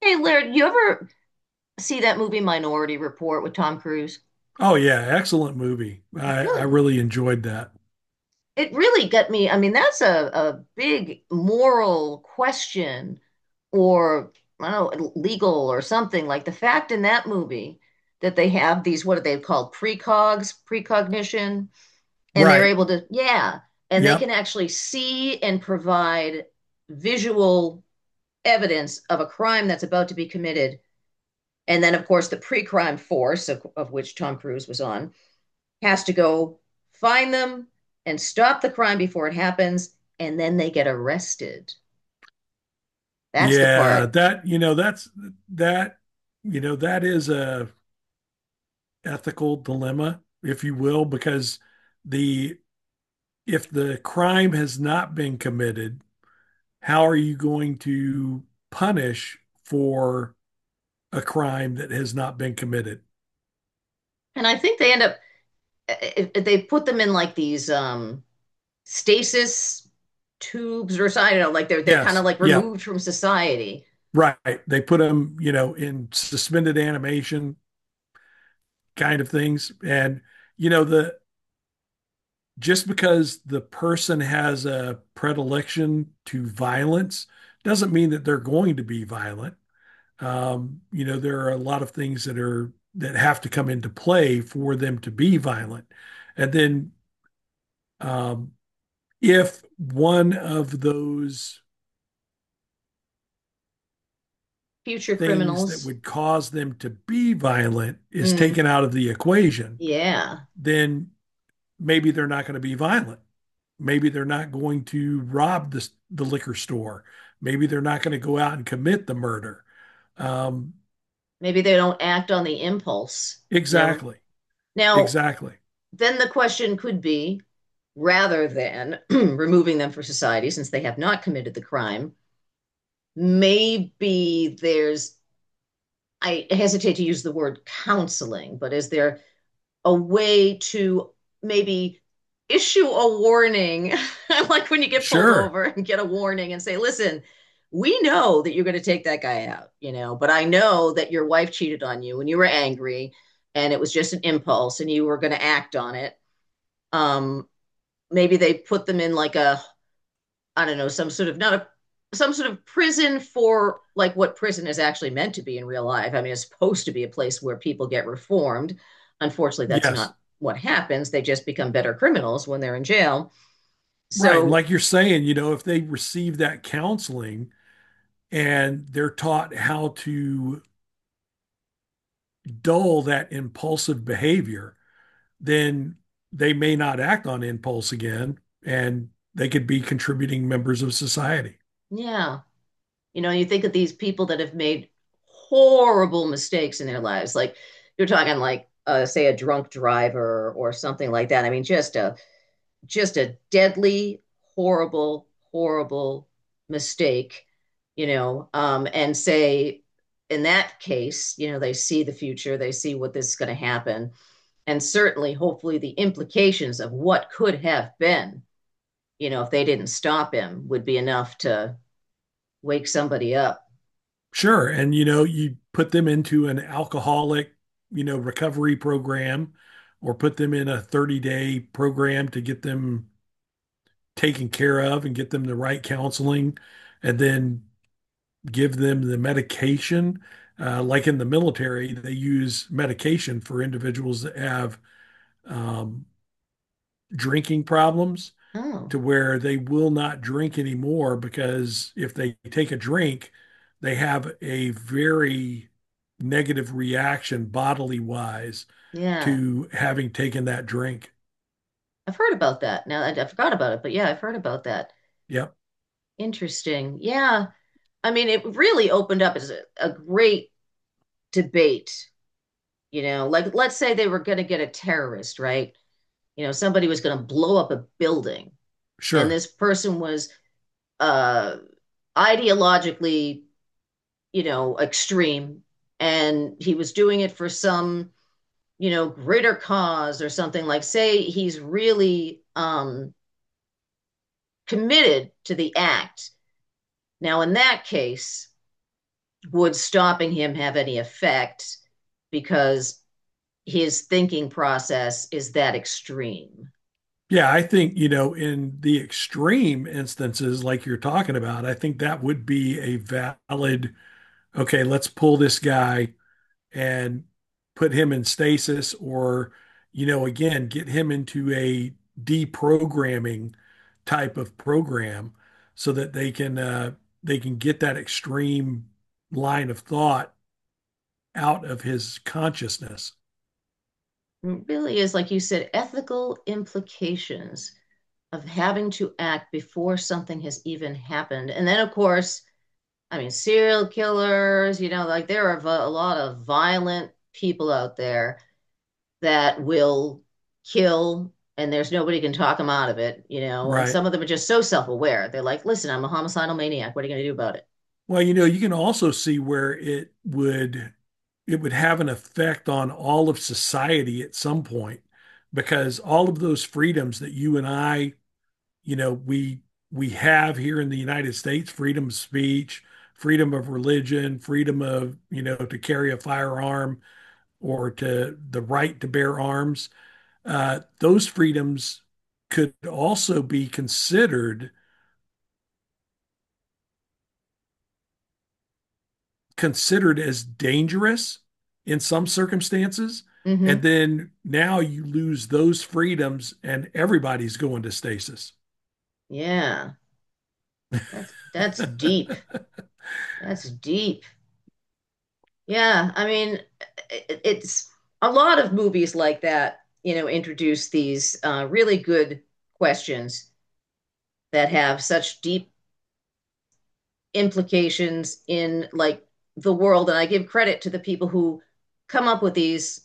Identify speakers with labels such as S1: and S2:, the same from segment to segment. S1: Hey, Laird, you ever see that movie Minority Report with Tom Cruise?
S2: Oh yeah, excellent movie.
S1: It
S2: I
S1: really,
S2: really enjoyed that.
S1: it really got me. I mean, that's a big moral question or I don't know, legal or something. Like the fact in that movie that they have these, what are they called, precogs, precognition, and they're
S2: Right.
S1: able to, yeah, and they can
S2: Yep.
S1: actually see and provide visual evidence of a crime that's about to be committed. And then, of course, the pre crime force, of which Tom Cruise was on, has to go find them and stop the crime before it happens. And then they get arrested. That's the
S2: Yeah,
S1: part.
S2: that you know that's that you know that is a ethical dilemma, if you will, because the if the crime has not been committed, how are you going to punish for a crime that has not been committed?
S1: And I think they end up, eh, they put them in like these stasis tubes or something. I don't know, like they're kind of
S2: Yes.
S1: like
S2: Yep.
S1: removed from society.
S2: Right. They put them, you know, in suspended animation kind of things, and you know the just because the person has a predilection to violence doesn't mean that they're going to be violent. There are a lot of things that are that have to come into play for them to be violent. And then um, if one of those
S1: Future
S2: things that
S1: criminals.
S2: would cause them to be violent is
S1: Mm,
S2: taken out of the equation,
S1: yeah.
S2: then maybe they're not going to be violent. Maybe they're not going to rob the liquor store. Maybe they're not going to go out and commit the murder. Um,
S1: Maybe they don't act on the impulse, you know.
S2: exactly.
S1: Now,
S2: Exactly.
S1: then the question could be rather than removing them from society since they have not committed the crime. Maybe there's, I hesitate to use the word counseling, but is there a way to maybe issue a warning? Like when you get pulled
S2: Sure.
S1: over and get a warning and say, listen, we know that you're going to take that guy out, you know, but I know that your wife cheated on you and you were angry and it was just an impulse and you were going to act on it. Um, Maybe they put them in like a I don't know, some sort of not a some sort of prison for like what prison is actually meant to be in real life. I mean, it's supposed to be a place where people get reformed. Unfortunately, that's
S2: Yes.
S1: not what happens. They just become better criminals when they're in jail.
S2: Right. And
S1: So,
S2: like you're saying, if they receive that counseling and they're taught how to dull that impulsive behavior, then they may not act on impulse again, and they could be contributing members of society.
S1: yeah, you know, you think of these people that have made horrible mistakes in their lives. Like you're talking like say a drunk driver or something like that. I mean, just a deadly, horrible, horrible mistake, you know, and say, in that case, you know, they see the future, they see what this is going to happen, and certainly, hopefully, the implications of what could have been, you know, if they didn't stop him, would be enough to wake somebody up.
S2: Sure. And you put them into an alcoholic, recovery program, or put them in a 30-day program to get them taken care of and get them the right counseling, and then give them the medication. Like in the military, they use medication for individuals that have um, drinking problems,
S1: Oh,
S2: to where they will not drink anymore, because if they take a drink, they have a very negative reaction bodily wise
S1: yeah,
S2: to having taken that drink.
S1: I've heard about that. Now I forgot about it, but yeah, I've heard about that.
S2: Yep,
S1: Interesting. Yeah, I mean, it really opened up as a great debate. You know, like let's say they were going to get a terrorist, right? You know, somebody was going to blow up a building, and
S2: sure.
S1: this person was uh, ideologically, you know, extreme, and he was doing it for some, you know, greater cause or something. Like, say he's really committed to the act. Now, in that case, would stopping him have any effect because his thinking process is that extreme?
S2: Yeah, I think, in the extreme instances like you're talking about, I think that would be a valid, okay, let's pull this guy and put him in stasis, or, again, get him into a deprogramming type of program so that they can get that extreme line of thought out of his consciousness,
S1: Really is, like you said, ethical implications of having to act before something has even happened. And then, of course, I mean, serial killers, you know, like there are a lot of violent people out there that will kill and there's nobody can talk them out of it, you know, and
S2: right?
S1: some of them are just so self-aware. They're like, listen, I'm a homicidal maniac. What are you going to do about it?
S2: Well, you can also see where it would have an effect on all of society at some point, because all of those freedoms that you and I, you know we we have here in the United States, freedom of speech, freedom of religion, freedom of to carry a firearm, or to the right to bear arms. Those freedoms could also be considered as dangerous in some circumstances. And
S1: Mm-hmm.
S2: then now you lose those freedoms, and everybody's going to stasis.
S1: Yeah. That's deep. That's deep. Yeah, I mean, it's a lot of movies like that, you know, introduce these really good questions that have such deep implications in like the world. And I give credit to the people who come up with these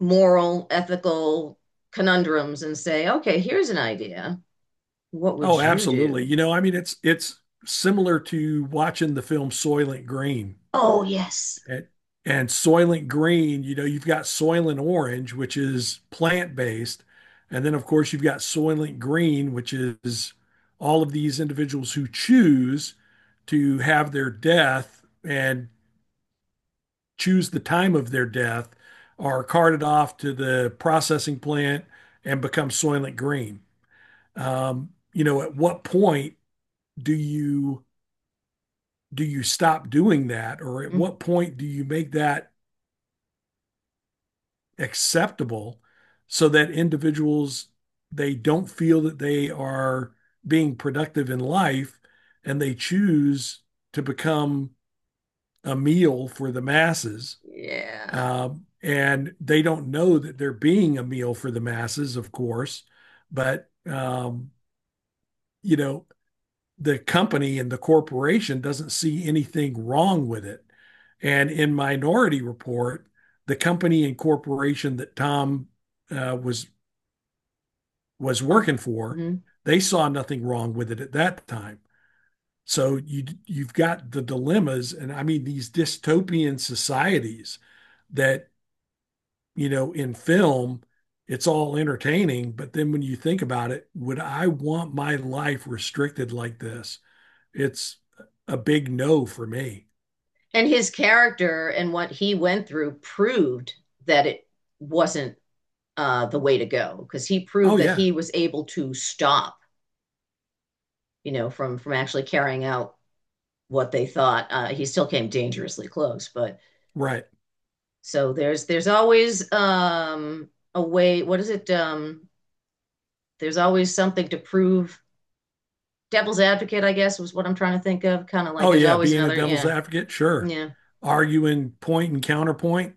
S1: moral, ethical conundrums and say, okay, here's an idea. What would
S2: Oh,
S1: you
S2: absolutely.
S1: do?
S2: You know, I mean, it's similar to watching the film Soylent Green.
S1: Oh, yes.
S2: And, and Soylent Green, you know, you've got Soylent Orange, which is plant-based, and then of course you've got Soylent Green, which is all of these individuals who choose to have their death and choose the time of their death are carted off to the processing plant and become Soylent Green. At what point do you do you stop doing that, or at
S1: Mm,
S2: what point do you make that acceptable so that individuals, they don't feel that they are being productive in life, and they choose to become a meal for the masses,
S1: yeah.
S2: and they don't know that they're being a meal for the masses, of course, but you know the company and the corporation doesn't see anything wrong with it. And in Minority Report, the company and corporation that Tom uh, was was
S1: Um,
S2: working for,
S1: mhm.
S2: they saw nothing wrong with it at that time. So you've got the dilemmas, and I mean these dystopian societies that, in film, it's all entertaining, but then when you think about it, would I want my life restricted like this? It's a big no for me.
S1: And his character and what he went through proved that it wasn't the way to go because he proved
S2: Oh
S1: that
S2: yeah,
S1: he was able to stop, you know, from actually carrying out what they thought. He still came dangerously close, but
S2: right.
S1: so there's always a way. What is it? There's always something to prove. Devil's advocate, I guess, was what I'm trying to think of. Kind of like
S2: Oh
S1: there's
S2: yeah,
S1: always
S2: being a
S1: another.
S2: devil's
S1: Yeah,
S2: advocate, sure.
S1: yeah,
S2: Arguing point and counterpoint.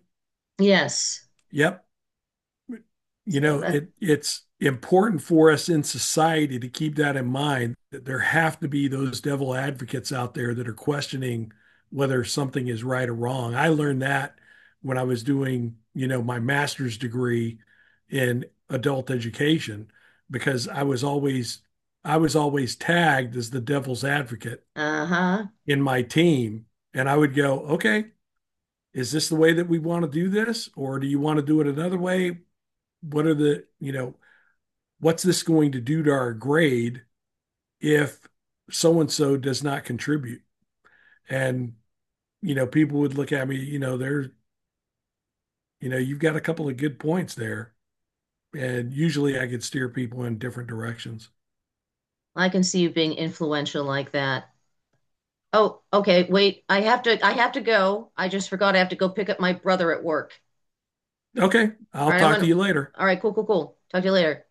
S1: yes.
S2: Yep, you
S1: So
S2: know
S1: that.
S2: it's important for us in society to keep that in mind, that there have to be those devil advocates out there that are questioning whether something is right or wrong. I learned that when I was doing, my master's degree in adult education, because I was always tagged as the devil's advocate
S1: Uh huh.
S2: in my team. And I would go, okay, is this the way that we want to do this, or do you want to do it another way? What are the you know what's this going to do to our grade if so and so does not contribute? And, people would look at me, you know, they're, you know, you've got a couple of good points there. And usually I could steer people in different directions.
S1: I can see you being influential like that. Oh, okay, wait. I have to go. I just forgot I have to go pick up my brother at work.
S2: Okay, I'll
S1: All right, I'm
S2: talk to
S1: gonna.
S2: you later.
S1: All right, cool, cool, cool. Talk to you later.